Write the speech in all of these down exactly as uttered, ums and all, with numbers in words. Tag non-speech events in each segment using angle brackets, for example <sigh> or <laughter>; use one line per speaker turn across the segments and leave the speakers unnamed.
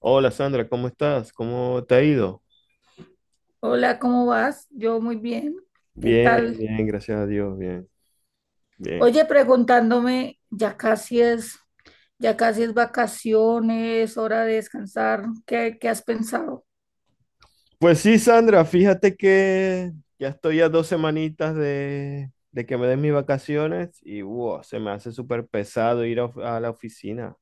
Hola Sandra, ¿cómo estás? ¿Cómo te ha ido?
Hola, ¿cómo vas? Yo muy bien. ¿Qué
Bien,
tal?
bien, gracias a Dios, bien, bien.
Oye, preguntándome, ya casi es, ya casi es vacaciones, hora de descansar. ¿Qué, qué has pensado?
Pues sí, Sandra, fíjate que ya estoy a dos semanitas de, de que me den mis vacaciones y wow, se me hace súper pesado ir a, of- a la oficina.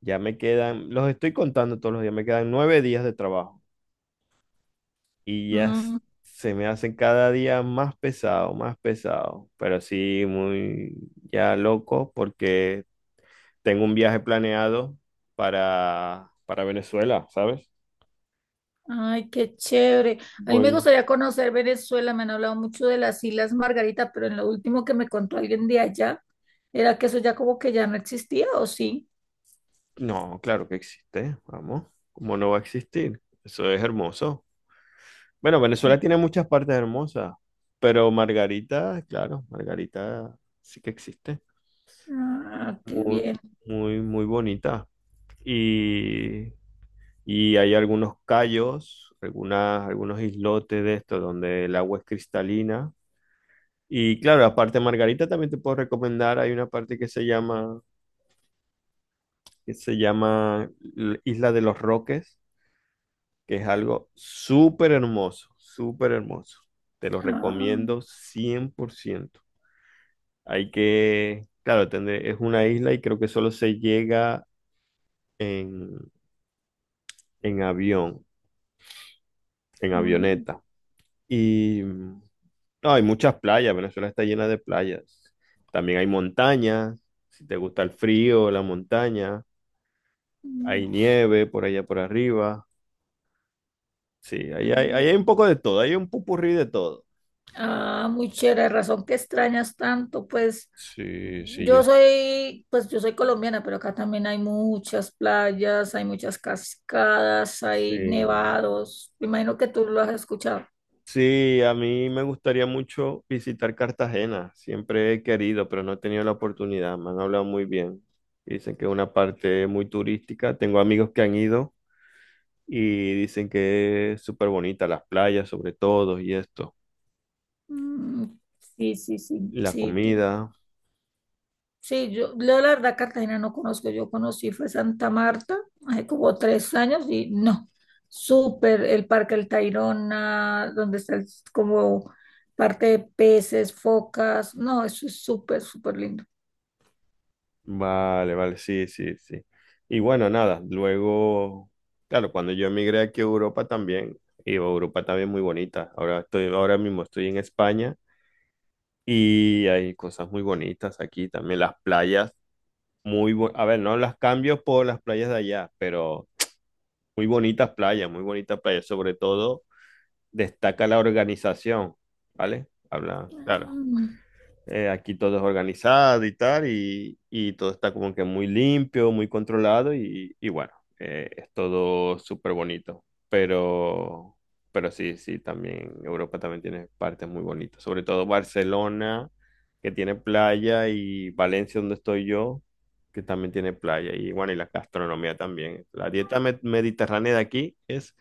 Ya me quedan, los estoy contando todos los días, me quedan nueve días de trabajo y ya s-
Mm,
se me hacen cada día más pesado, más pesado, pero sí, muy ya loco porque tengo un viaje planeado para, para Venezuela, ¿sabes?
ay, qué chévere. A mí me
Voy.
gustaría conocer Venezuela. Me han hablado mucho de las Islas Margarita, pero en lo último que me contó alguien de allá, era que eso ya como que ya no existía, ¿o sí?
No, claro que existe, vamos. ¿Cómo no va a existir? Eso es hermoso. Bueno, Venezuela tiene muchas partes hermosas, pero Margarita, claro, Margarita sí que existe.
Ah, qué
Muy,
bien.
muy, muy bonita. Y, y hay algunos cayos, algunas, algunos islotes de esto donde el agua es cristalina. Y claro, aparte de Margarita también te puedo recomendar, hay una parte que se llama que se llama L- Isla de los Roques, que es algo súper hermoso, súper hermoso. Te lo
Ah,
recomiendo cien por ciento. Hay que, claro, tendré- es una isla y creo que solo se llega en, en avión, en
mm,
avioneta. Y mm, no, hay muchas playas, Venezuela está llena de playas. También hay montañas, si te gusta el frío, la montaña,
mm,
hay nieve por allá por arriba. Sí, ahí hay, ahí
ah.
hay un poco de todo, hay un pupurrí de todo.
Ah, muy chévere, razón que extrañas tanto, pues
Sí, sí, yo
yo soy, pues yo soy colombiana, pero acá también hay muchas playas, hay muchas cascadas, hay
sí.
nevados. Me imagino que tú lo has escuchado.
Sí, a mí me gustaría mucho visitar Cartagena. Siempre he querido, pero no he tenido la oportunidad. Me han hablado muy bien. Dicen que es una parte muy turística. Tengo amigos que han ido y dicen que es súper bonita, las playas sobre todo y esto.
Mm, sí, sí, sí,
La
sí,
comida.
sí, yo, yo la verdad Cartagena no conozco, yo conocí fue Santa Marta hace como tres años y no, súper el Parque El Tayrona, donde está el- como parte de peces, focas, no, eso es súper, súper lindo.
Vale, vale, sí, sí, sí. Y bueno, nada, luego, claro, cuando yo emigré aquí a Europa también, y Europa también muy bonita. Ahora estoy, ahora mismo estoy en España. Y hay cosas muy bonitas aquí también. Las playas, muy bu- a ver, no las cambio por las playas de allá, pero muy bonitas playas, muy bonitas playas. Sobre todo destaca la organización, ¿vale? Habla, claro, eh, aquí todo es organizado y tal, y, y todo está como que muy limpio, muy controlado y, y bueno, eh, es todo súper bonito. Pero, pero sí, sí, también Europa también tiene partes muy bonitas, sobre todo Barcelona, que tiene playa, y Valencia, donde estoy yo, que también tiene playa, y bueno, y la gastronomía también. La dieta med- mediterránea de aquí es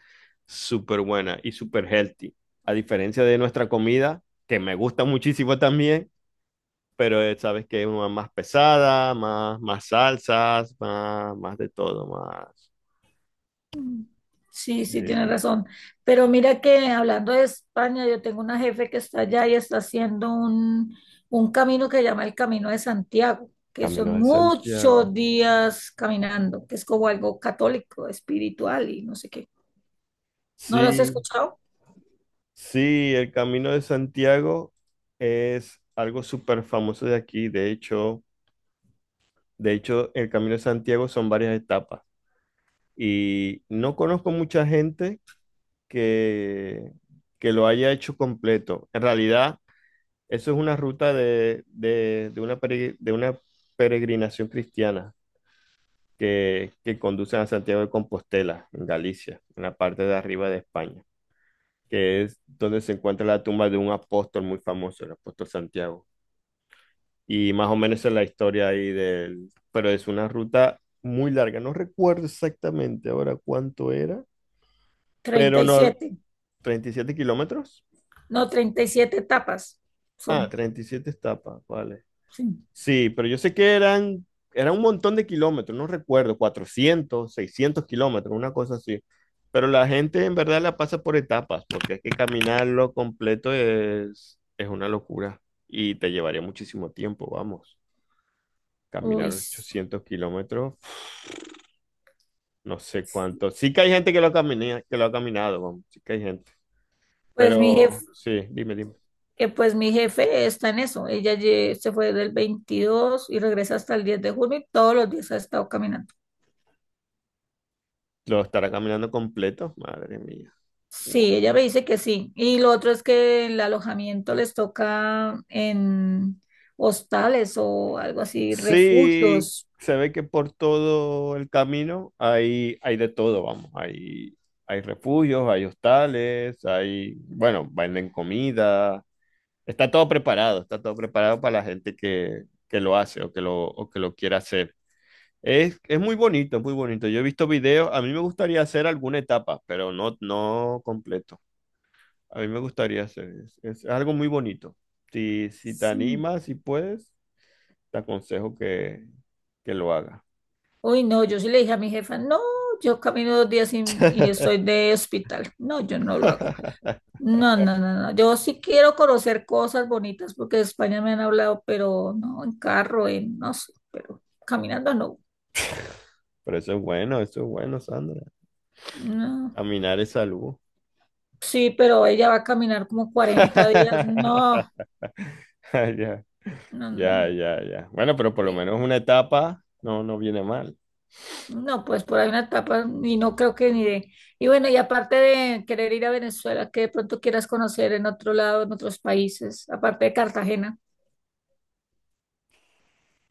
súper buena y súper healthy, a diferencia de nuestra comida, que me gusta muchísimo también, pero eh, sabes que es una más pesada, más, más salsas, más, más de todo, más.
Mm, sí,
Sí,
sí, tienes
sí.
razón. Pero mira que hablando de España, yo tengo una jefe que está allá y está haciendo un, un camino que llama el Camino de Santiago, que
Camino
son
de Santiago.
muchos días caminando, que es como algo católico, espiritual y no sé qué. ¿No lo has
Sí,
escuchado?
sí, el Camino de Santiago es algo súper famoso de aquí. De hecho, de hecho, el Camino de Santiago son varias etapas. Y no conozco mucha gente que, que lo haya hecho completo. En realidad, eso es una ruta de, de, de una, pere- de una peregrinación cristiana. que, que conducen a Santiago de Compostela, en Galicia, en la parte de arriba de España, que es donde se encuentra la tumba de un apóstol muy famoso, el apóstol Santiago. Y más o menos esa es la historia ahí del… Pero es una ruta muy larga, no recuerdo exactamente ahora cuánto era,
Treinta
pero
y
no,
siete,
treinta y siete kilómetros.
no, treinta y siete etapas
Ah,
son.
treinta y siete etapas, vale.
Sí.
Sí, pero yo sé que eran, era un montón de kilómetros, no recuerdo, cuatrocientos, seiscientos kilómetros, una cosa así. Pero la gente en verdad la pasa por etapas, porque es que caminarlo completo es, es una locura y te llevaría muchísimo tiempo, vamos.
Uy,
Caminar
s-
ochocientos kilómetros, no sé cuánto. Sí que hay gente que lo camina, que lo ha caminado, vamos, sí que hay gente.
pues mi jefe
Pero sí, dime, dime.
que pues mi jefe está en eso. Ella lle- se fue del veintidós y regresa hasta el diez de junio y todos los días ha estado caminando.
¿Lo estará caminando completo? Madre mía.
Sí,
Wow.
ella me dice que sí. Y lo otro es que el alojamiento les toca en hostales o algo así,
Sí,
refugios.
se ve que por todo el camino hay, hay de todo, vamos. Hay, hay refugios, hay hostales, hay, bueno, venden comida. Está todo preparado, está todo preparado para la gente que, que lo hace o que lo, o que lo quiera hacer. Es, es muy bonito, es muy bonito. Yo he visto videos, a mí me gustaría hacer alguna etapa, pero no, no completo. A mí me gustaría hacer, es, es algo muy bonito. Si, si te
Sí.
animas, si puedes, te aconsejo que, que lo hagas.
Uy, no, yo sí le dije a mi jefa, no, yo camino dos días y, y
<laughs>
estoy de hospital. No, yo no lo hago.
Pero
No, no, no, no. Yo sí quiero conocer cosas bonitas porque de España me han hablado, pero no en carro, en no sé, pero caminando no.
eso es bueno, eso es bueno, Sandra.
No.
Caminar es salud.
Sí, pero ella va a caminar como cuarenta días. No,
<laughs> Ya,
no, no,
ya,
no.
ya, ya. Bueno, pero por lo
Y-
menos una etapa no, no viene mal.
no, pues por ahí una etapa y no creo que ni de. Y bueno, y aparte de querer ir a Venezuela, que de pronto quieras conocer en otro lado, en otros países, aparte de Cartagena.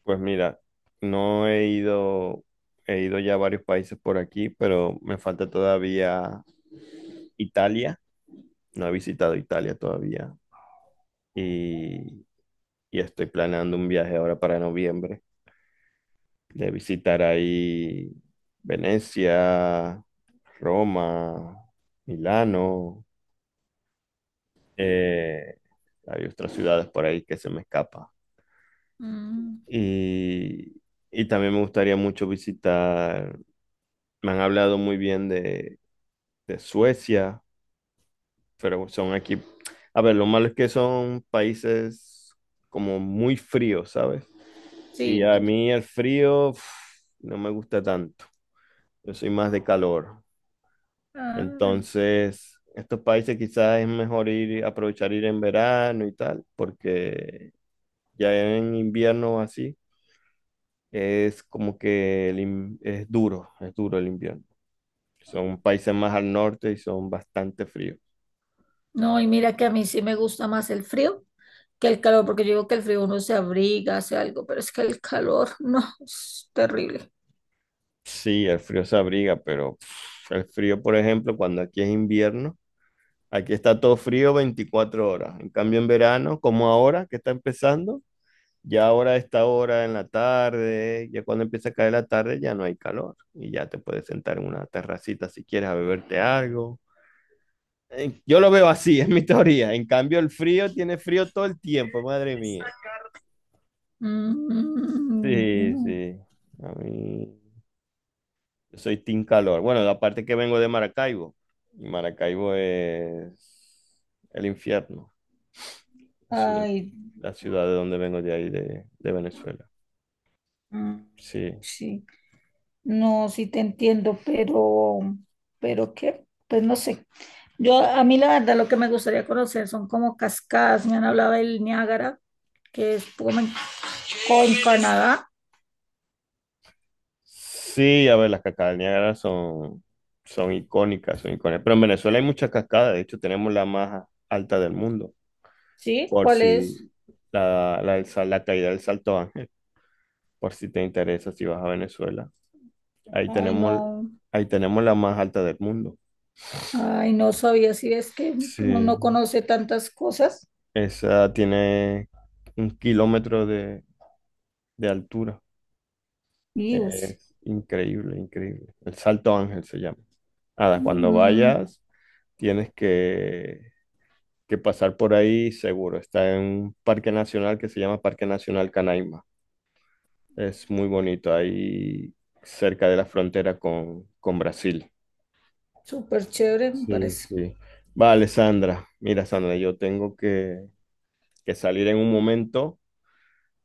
Pues mira, no he ido, he ido ya a varios países por aquí, pero me falta todavía Italia. No he visitado Italia todavía. Y, y estoy planeando un viaje ahora para noviembre de visitar ahí Venecia, Roma, Milano, eh, hay otras ciudades por ahí que se me escapa.
Mm,
Y, y también me gustaría mucho visitar, me han hablado muy bien de, de Suecia, pero son aquí, a ver, lo malo es que son países como muy fríos, ¿sabes? Y
sí,
a
sí.
mí el frío, uf, no me gusta tanto, yo soy más de calor.
Ay.
Entonces, estos países quizás es mejor ir, aprovechar ir en verano y tal, porque ya en invierno así es como que el in- es duro, es duro el invierno. Son países más al norte y son bastante fríos.
No, y mira que a mí sí me gusta más el frío que el calor, porque yo digo que el frío uno se abriga, hace algo, pero es que el calor, <laughs> no, es terrible.
Sí, el frío se abriga, pero pff, el frío, por ejemplo, cuando aquí es invierno, aquí está todo frío veinticuatro horas. En cambio, en verano, como ahora que está empezando, ya ahora, a esta hora en la tarde, ya cuando empieza a caer la tarde, ya no hay calor y ya te puedes sentar en una terracita si quieres a beberte algo. Eh, Yo lo veo así, <laughs> es mi teoría. En cambio, el frío tiene frío todo el tiempo, madre mía.
Mm,
Sí,
no.
sí. A mí, yo soy team calor. Bueno, aparte que vengo de Maracaibo. Y Maracaibo es el infierno, la ciudad,
Ay,
la ciudad de donde vengo de ahí, de, de Venezuela.
mm,
Sí.
sí, no, sí te entiendo, pero, pero qué, pues no sé. Yo, a mí la verdad, lo que me gustaría conocer son como cascadas. Me han hablado del Niágara, que es como en, co- en Canadá.
Sí, a ver, las cascadas del Niágara son, son icónicas, son icónicas. Pero en Venezuela hay muchas cascadas, de hecho tenemos la más alta del mundo,
¿Sí?
por
¿Cuál es?
si la, la, del sal- la caída del Salto Ángel, por si te interesa, si vas a Venezuela. Ahí
Ay,
tenemos,
no.
ahí tenemos la más alta del mundo.
Ay, no sabía si es que que uno no
Sí,
conoce tantas cosas.
esa tiene un kilómetro de, de altura.
Y pues,
Es increíble, increíble. El Salto Ángel se llama. Nada, cuando
mm,
vayas, tienes que que pasar por ahí seguro. Está en un parque nacional que se llama Parque Nacional Canaima. Es muy bonito, ahí cerca de la frontera con, con Brasil.
súper chévere, me
Sí,
parece.
sí. Vale, Sandra. Mira, Sandra, yo tengo que, que salir en un momento.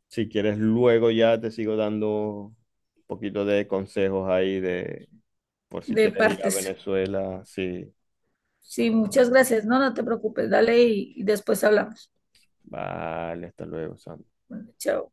Si quieres, luego ya te sigo dando un poquito de consejos ahí de por si
De
quieres ir a
partes.
Venezuela. Sí.
Sí, muchas gracias. No, no te preocupes. Dale y, y después hablamos.
Vale, hasta luego, Sandra.
Bueno, chao.